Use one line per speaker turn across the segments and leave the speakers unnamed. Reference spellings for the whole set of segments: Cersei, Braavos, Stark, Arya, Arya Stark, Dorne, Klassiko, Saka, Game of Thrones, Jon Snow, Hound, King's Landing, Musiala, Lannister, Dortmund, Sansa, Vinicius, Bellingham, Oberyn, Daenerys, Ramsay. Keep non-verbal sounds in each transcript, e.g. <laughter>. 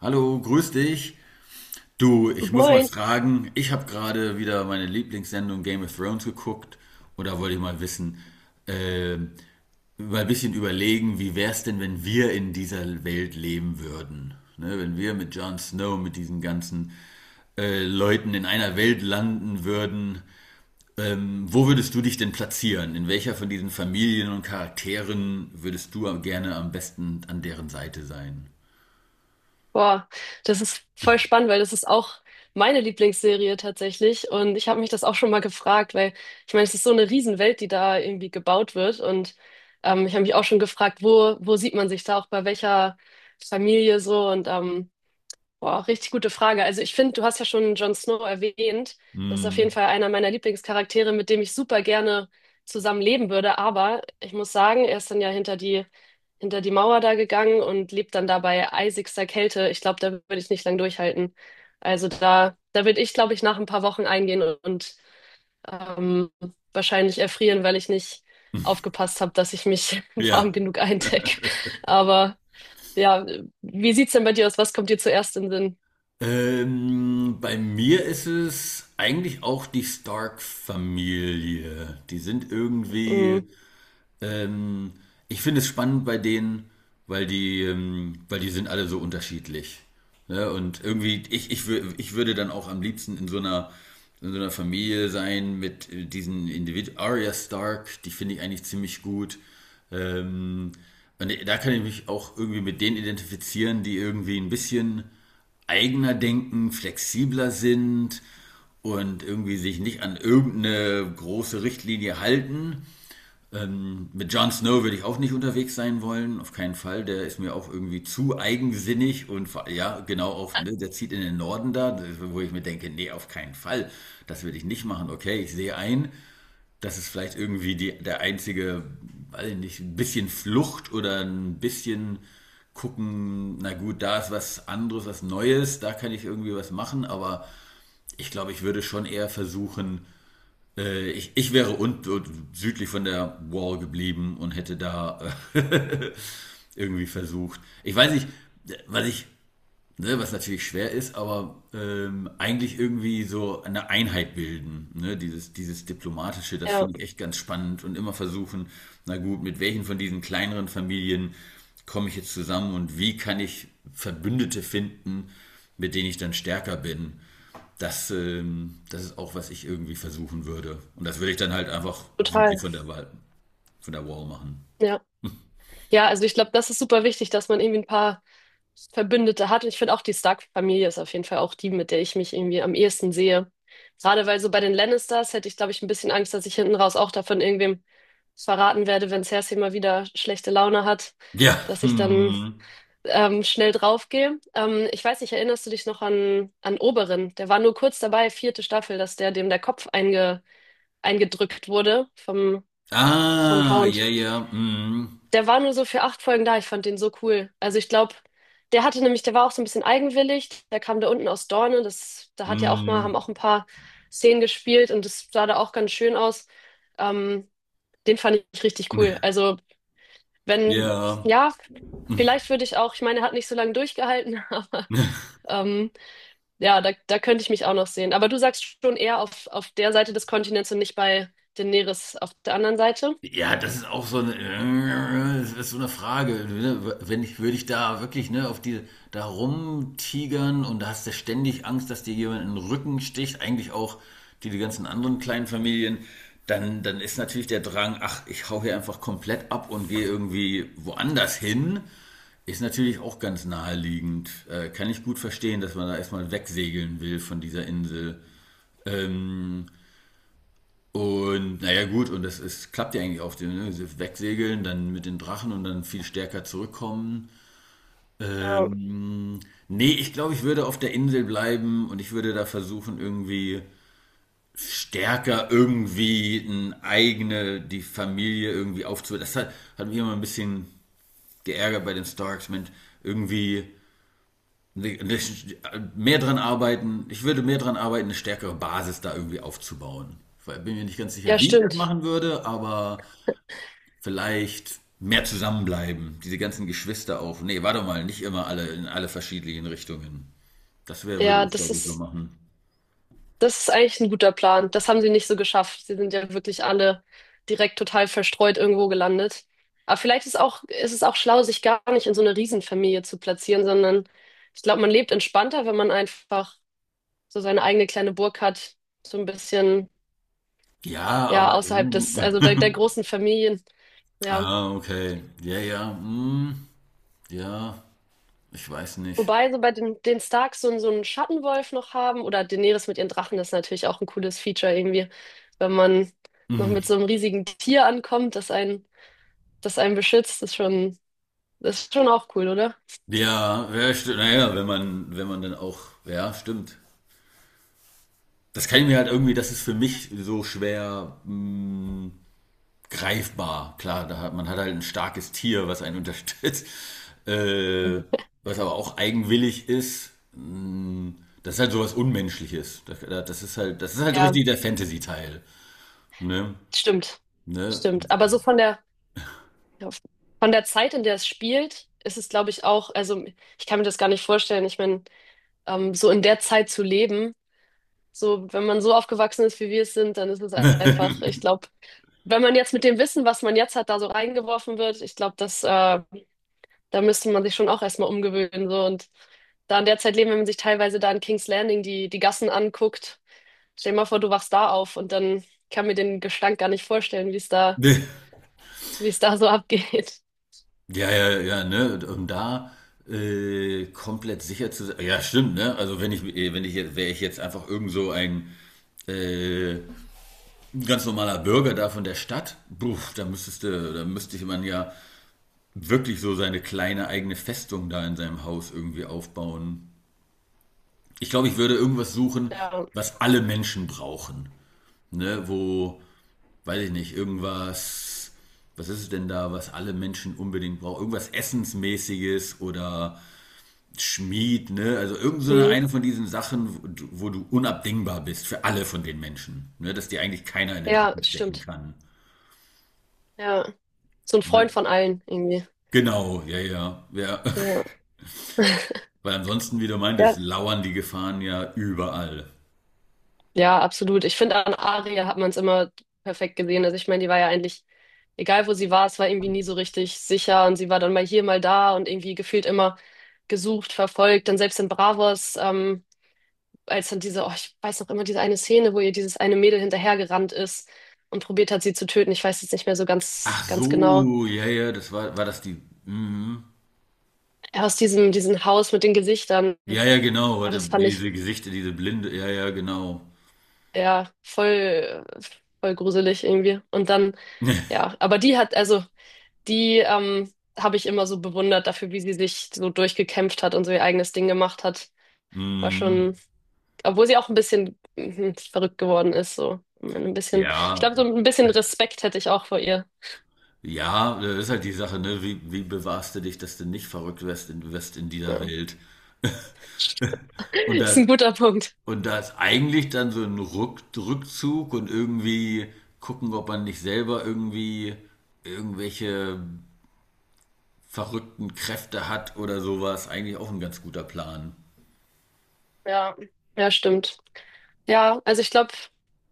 Hallo, grüß dich. Du, ich muss mal
Moin.
fragen, ich habe gerade wieder meine Lieblingssendung Game of Thrones geguckt und da wollte ich mal wissen, äh, mal ein bisschen überlegen, wie wär's denn, wenn wir in dieser Welt leben würden? Ne, wenn wir mit Jon Snow, mit diesen ganzen Leuten in einer Welt landen würden, wo würdest du dich denn platzieren? In welcher von diesen Familien und Charakteren würdest du gerne am besten an deren Seite sein?
Boah, das ist voll spannend, weil das ist auch meine Lieblingsserie tatsächlich. Und ich habe mich das auch schon mal gefragt, weil ich meine, es ist so eine Riesenwelt, die da irgendwie gebaut wird. Und ich habe mich auch schon gefragt, wo sieht man sich da auch bei welcher Familie so? Und Boah, richtig gute Frage. Also ich finde, du hast ja schon Jon Snow erwähnt. Das ist auf jeden
Hm,
Fall einer meiner Lieblingscharaktere, mit dem ich super gerne zusammen leben würde. Aber ich muss sagen, er ist dann ja hinter die Mauer da gegangen und lebt dann da bei eisigster Kälte. Ich glaube, da würde ich nicht lang durchhalten. Also da würde ich, glaube ich, nach ein paar Wochen eingehen und ähm, wahrscheinlich erfrieren, weil ich nicht aufgepasst habe, dass ich mich <laughs> warm
ja.
genug eindecke. Aber ja, wie sieht's denn bei dir aus? Was kommt dir zuerst in den Sinn?
Bei mir ist es eigentlich auch die Stark-Familie. Die sind irgendwie
Mhm.
ähm, ich finde es spannend bei denen, weil weil die sind alle so unterschiedlich. Ne? Und irgendwie, ich würde dann auch am liebsten in so einer Familie sein mit diesen Individuen. Arya Stark, die finde ich eigentlich ziemlich gut. Ähm, und da kann ich mich auch irgendwie mit denen identifizieren, die irgendwie ein bisschen eigener denken, flexibler sind und irgendwie sich nicht an irgendeine große Richtlinie halten, mit Jon Snow würde ich auch nicht unterwegs sein wollen, auf keinen Fall. Der ist mir auch irgendwie zu eigensinnig und ja, genau auch, ne, der zieht in den Norden da, wo ich mir denke, nee, auf keinen Fall. Das würde ich nicht machen. Okay, ich sehe ein, das ist vielleicht irgendwie der einzige, weiß ich nicht, ein bisschen Flucht oder ein bisschen gucken, na gut, da ist was anderes, was Neues, da kann ich irgendwie was machen, aber ich glaube, ich würde schon eher versuchen, ich wäre südlich von der Wall geblieben und hätte da äh, <laughs> irgendwie versucht. Ich weiß nicht, was ich, ne, was natürlich schwer ist, aber eigentlich irgendwie so eine Einheit bilden. Ne? Dieses Diplomatische, das
Ja,
finde ich echt ganz spannend und immer versuchen, na gut, mit welchen von diesen kleineren Familien komme ich jetzt zusammen und wie kann ich Verbündete finden, mit denen ich dann stärker bin das, das ist auch, was ich irgendwie versuchen würde. Und das würde ich dann halt einfach südlich
total.
von der Wall machen.
Ja. Ja, also ich glaube, das ist super wichtig, dass man irgendwie ein paar Verbündete hat. Und ich finde auch, die Stark-Familie ist auf jeden Fall auch die, mit der ich mich irgendwie am ehesten sehe. Gerade weil so bei den Lannisters hätte ich, glaube ich, ein bisschen Angst, dass ich hinten raus auch davon irgendwem verraten werde, wenn Cersei mal wieder schlechte Laune hat,
Ja. <laughs>
dass ich dann schnell draufgehe. Ich weiß nicht, erinnerst du dich noch an Oberyn? Der war nur kurz dabei, 4. Staffel, dass der dem der Kopf eingedrückt wurde vom,
Hm.
vom
Ah, ja,
Hound.
ja. Hm.
Der war nur so für 8 Folgen da. Ich fand den so cool. Also ich glaube, der hatte nämlich, der war auch so ein bisschen eigenwillig. Der kam da unten aus Dorne. Das, da hat ja auch mal,
Hm.
haben auch ein paar Szenen gespielt und das sah da auch ganz schön aus. Ähm, Den fand ich richtig cool. Also wenn,
Ja.
ja, vielleicht würde ich auch, ich meine, er hat nicht so lange durchgehalten, <laughs> aber
<laughs>
ähm, ja, da könnte ich mich auch noch sehen. Aber du sagst schon eher auf der Seite des Kontinents und nicht bei Daenerys auf der anderen Seite.
Ja, das ist auch so das ist so eine Frage. Ne? Wenn ich, würde ich da wirklich ne, auf die da rumtigern und da hast du ständig Angst, dass dir jemand in den Rücken sticht, eigentlich auch die, die ganzen anderen kleinen Familien, dann ist natürlich der Drang, ach, ich hau hier einfach komplett ab und gehe irgendwie woanders hin, ist natürlich auch ganz naheliegend. Kann ich gut verstehen, dass man da erstmal wegsegeln will von dieser Insel. Ähm, und naja, gut, und das ist, klappt ja eigentlich auf dem, ne? Sie Wegsegeln, dann mit den Drachen und dann viel stärker zurückkommen.
Ja,
Ähm, nee, ich glaube, ich würde auf der Insel bleiben und ich würde da versuchen, irgendwie stärker irgendwie eine eigene, die Familie irgendwie aufzubauen. Das hat mich immer ein bisschen geärgert bei den Starks, Mensch, irgendwie mehr dran arbeiten, ich würde mehr dran arbeiten, eine stärkere Basis da irgendwie aufzubauen. Ich bin mir nicht ganz sicher,
ja,
wie ich das
stimmt.
machen würde, aber vielleicht mehr zusammenbleiben, diese ganzen Geschwister auf. Nee, warte mal, nicht immer alle in alle verschiedenen Richtungen. Würde
Ja,
ich glaube ich so machen.
Das ist eigentlich ein guter Plan. Das haben sie nicht so geschafft. Sie sind ja wirklich alle direkt total verstreut irgendwo gelandet. Aber vielleicht ist auch, ist es auch schlau, sich gar nicht in so eine Riesenfamilie zu platzieren, sondern ich glaube, man lebt entspannter, wenn man einfach so seine eigene kleine Burg hat, so ein bisschen,
Ja,
ja,
aber.
außerhalb des, also der
<laughs>
großen Familien. Ja.
ah, okay. Ja, ja. Hm, ja, ich weiß nicht.
Wobei so bei den Starks so, so einen Schattenwolf noch haben oder Daenerys mit ihren Drachen, das ist natürlich auch ein cooles Feature irgendwie, wenn man noch
Hm.
mit so einem riesigen Tier ankommt, das einen beschützt, ist schon auch cool, oder?
Ja, ja, stimmt. Naja, wenn man, wenn man dann auch. Ja, stimmt. Das kann ich mir halt irgendwie, das ist für mich so schwer. Hm, greifbar. Klar, da hat, man hat halt ein starkes Tier, was einen <laughs> unterstützt, äh, was aber auch eigenwillig ist. Das ist halt sowas Unmenschliches. Das ist halt
Ja,
richtig der Fantasy-Teil. Ne?
stimmt.
Ne?
Stimmt. Aber so ja, von der Zeit, in der es spielt, ist es, glaube ich, auch, also ich kann mir das gar nicht vorstellen. Ich meine, so in der Zeit zu leben, so wenn man so aufgewachsen ist, wie wir es sind, dann ist es einfach, ich
<laughs>
glaube, wenn man jetzt mit dem Wissen, was man jetzt hat, da so reingeworfen wird, ich glaube, da müsste man sich schon auch erstmal umgewöhnen, so und da in der Zeit leben, wenn man sich teilweise da in King's Landing die Gassen anguckt. Stell dir mal vor, du wachst da auf und dann kann mir den Gestank gar nicht vorstellen, wie es da,
Ne?
wie es da so <laughs> abgeht.
Ja, ja, ja, ne? Um da komplett sicher zu sein. Ja, stimmt, ne? Also wenn ich, wenn ich jetzt, wäre ich jetzt einfach irgend so ein äh, ganz normaler Bürger da von der Stadt, buff,
Ja.
da müsstest du, da müsste ich man ja wirklich so seine kleine eigene Festung da in seinem Haus irgendwie aufbauen. Ich glaube, ich würde irgendwas suchen,
Ja.
was alle Menschen brauchen. Ne? Wo, weiß ich nicht, irgendwas, was ist es denn da, was alle Menschen unbedingt brauchen? Irgendwas Essensmäßiges oder Schmied, ne? Also irgend so
Mhm.
eine von diesen Sachen, wo du unabdingbar bist für alle von den Menschen. Ne? Dass dir eigentlich keiner in den
Ja,
Rücken stechen
stimmt.
kann.
Ja. So ein
Und
Freund
wenn-
von allen irgendwie.
Genau, ja, ja, ja.
Ja.
<laughs>
<laughs>
Weil ansonsten, wie du meintest,
Ja.
lauern die Gefahren ja überall.
Ja, absolut. Ich finde, an Aria hat man es immer perfekt gesehen. Also ich meine, die war ja eigentlich, egal wo sie war, es war irgendwie nie so richtig sicher und sie war dann mal hier, mal da und irgendwie gefühlt immer gesucht, verfolgt. Dann selbst in Bravos, als dann diese, oh, ich weiß noch immer, diese eine Szene, wo ihr dieses eine Mädel hinterhergerannt ist und probiert hat, sie zu töten. Ich weiß jetzt nicht mehr so ganz,
Ach
ganz genau.
so, ja, ja, war das die. Mhm.
Aus diesem Haus mit den Gesichtern.
Ja, ja, genau,
Ja,
hatte
das fand ich
diese Gesichter, diese Blinde, ja, ja, genau.
ja voll gruselig irgendwie. Und dann,
<laughs>
ja, aber die hat, also die habe ich immer so bewundert dafür, wie sie sich so durchgekämpft hat und so ihr eigenes Ding gemacht hat. War
Mhm.
schon, obwohl sie auch ein bisschen verrückt geworden ist, so ein bisschen. Ich
Ja,
glaube, so ein bisschen Respekt hätte ich auch vor ihr.
ja, das ist halt die Sache, ne? Wie, wie bewahrst du dich, dass du nicht verrückt wirst wirst in dieser
Ja.
Welt? <laughs> Und
<laughs> Ist
das,
ein guter Punkt.
und da ist eigentlich dann so ein Rückzug und irgendwie gucken, ob man nicht selber irgendwie irgendwelche verrückten Kräfte hat oder sowas. Eigentlich auch ein ganz guter Plan.
Ja, ja, stimmt. Ja, also ich glaube,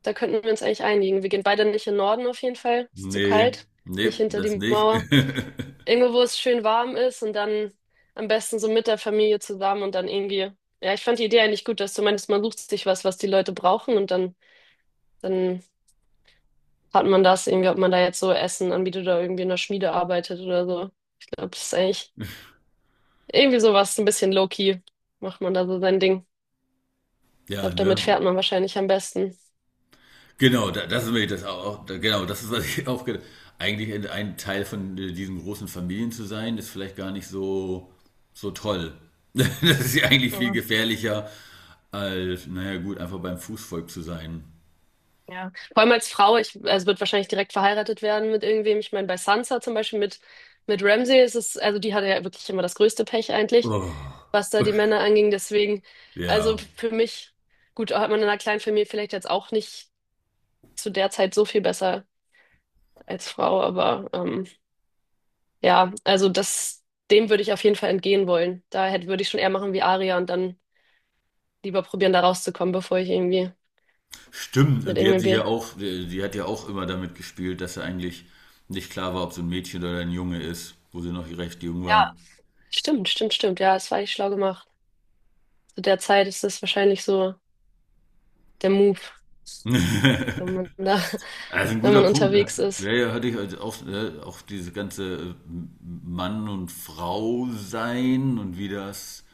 da könnten wir uns eigentlich einigen. Wir gehen beide nicht in den Norden auf jeden Fall. Ist zu
Nee,
kalt.
nee,
Nicht hinter
das
die
nicht.
Mauer.
<laughs>
Irgendwo, wo es schön warm ist und dann am besten so mit der Familie zusammen und dann irgendwie. Ja, ich fand die Idee eigentlich gut, dass du meinst, man sucht sich was, was die Leute brauchen und dann hat man das irgendwie, ob man da jetzt so Essen anbietet oder irgendwie in der Schmiede arbeitet oder so. Ich glaube, das ist eigentlich irgendwie sowas, ein bisschen low-key macht man da so sein Ding. Ich
Ja,
glaube,
ne?
damit fährt man wahrscheinlich am besten.
Genau, da, das ist mir das auch, da, genau, das ist, was ich auch gedacht. Eigentlich ein- Teil von diesen großen Familien zu sein, ist vielleicht gar nicht so, so toll. <laughs> Das ist ja eigentlich viel
Mhm.
gefährlicher, als, naja, gut, einfach beim Fußvolk zu sein.
Ja. Vor allem als Frau, also wird wahrscheinlich direkt verheiratet werden mit irgendwem. Ich meine, bei Sansa zum Beispiel mit Ramsay also die hatte ja wirklich immer das größte Pech eigentlich,
Oh,
was da die Männer anging. Deswegen, also
ja.
für mich, gut, hat man in einer kleinen Familie vielleicht jetzt auch nicht zu der Zeit so viel besser als Frau, aber ja, also dem würde ich auf jeden Fall entgehen wollen. Würde ich schon eher machen wie Arya und dann lieber probieren, da rauszukommen, bevor ich irgendwie
Stimmt,
mit
und die hat
irgendwem
sich ja
will.
auch, die hat ja auch immer damit gespielt, dass sie eigentlich nicht klar war, ob so ein Mädchen oder ein Junge ist, wo sie noch recht jung war.
Stimmt, stimmt, stimmt. Ja, es war echt schlau gemacht. Zu der Zeit ist das wahrscheinlich so der Move, wenn
<laughs>
man da,
Also ein
<laughs> wenn
guter
man
Punkt. Ja,
unterwegs
ja,
ist.
ja, hatte ich also auch, auch diese ganze Mann und Frau sein und wie das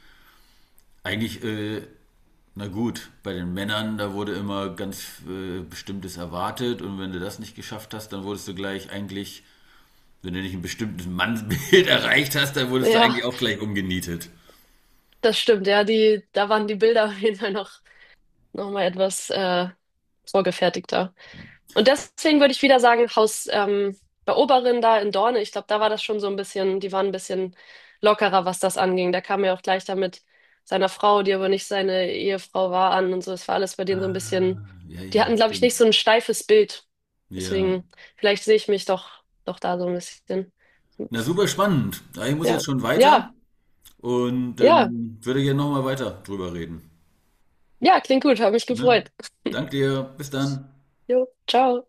eigentlich, na gut, bei den Männern, da wurde immer ganz Bestimmtes erwartet und wenn du das nicht geschafft hast, dann wurdest du gleich eigentlich. Wenn du nicht ein bestimmtes Mannsbild <laughs> erreicht hast, dann wurdest du
Ja,
eigentlich auch gleich umgenietet.
das stimmt. Ja, da waren die Bilder auf jeden Fall noch mal etwas vorgefertigter. Und deswegen würde ich wieder sagen, Haus bei Oberin da in Dorne, ich glaube, da war das schon so ein bisschen, die waren ein bisschen lockerer, was das anging. Da kam er auch gleich da mit seiner Frau, die aber nicht seine Ehefrau war, an und so. Es war alles bei denen so ein bisschen,
Ah, ja,
die
ja,
hatten, glaube ich,
stimmt.
nicht so ein steifes Bild.
Ja.
Deswegen, vielleicht sehe ich mich doch da so ein bisschen.
Na, super spannend. Ja, ich muss
Ja,
jetzt schon weiter
ja,
und
ja,
würde gerne nochmal weiter drüber reden.
ja, klingt gut, habe mich
Ne?
gefreut.
Danke dir. Bis dann.
Jo, ciao.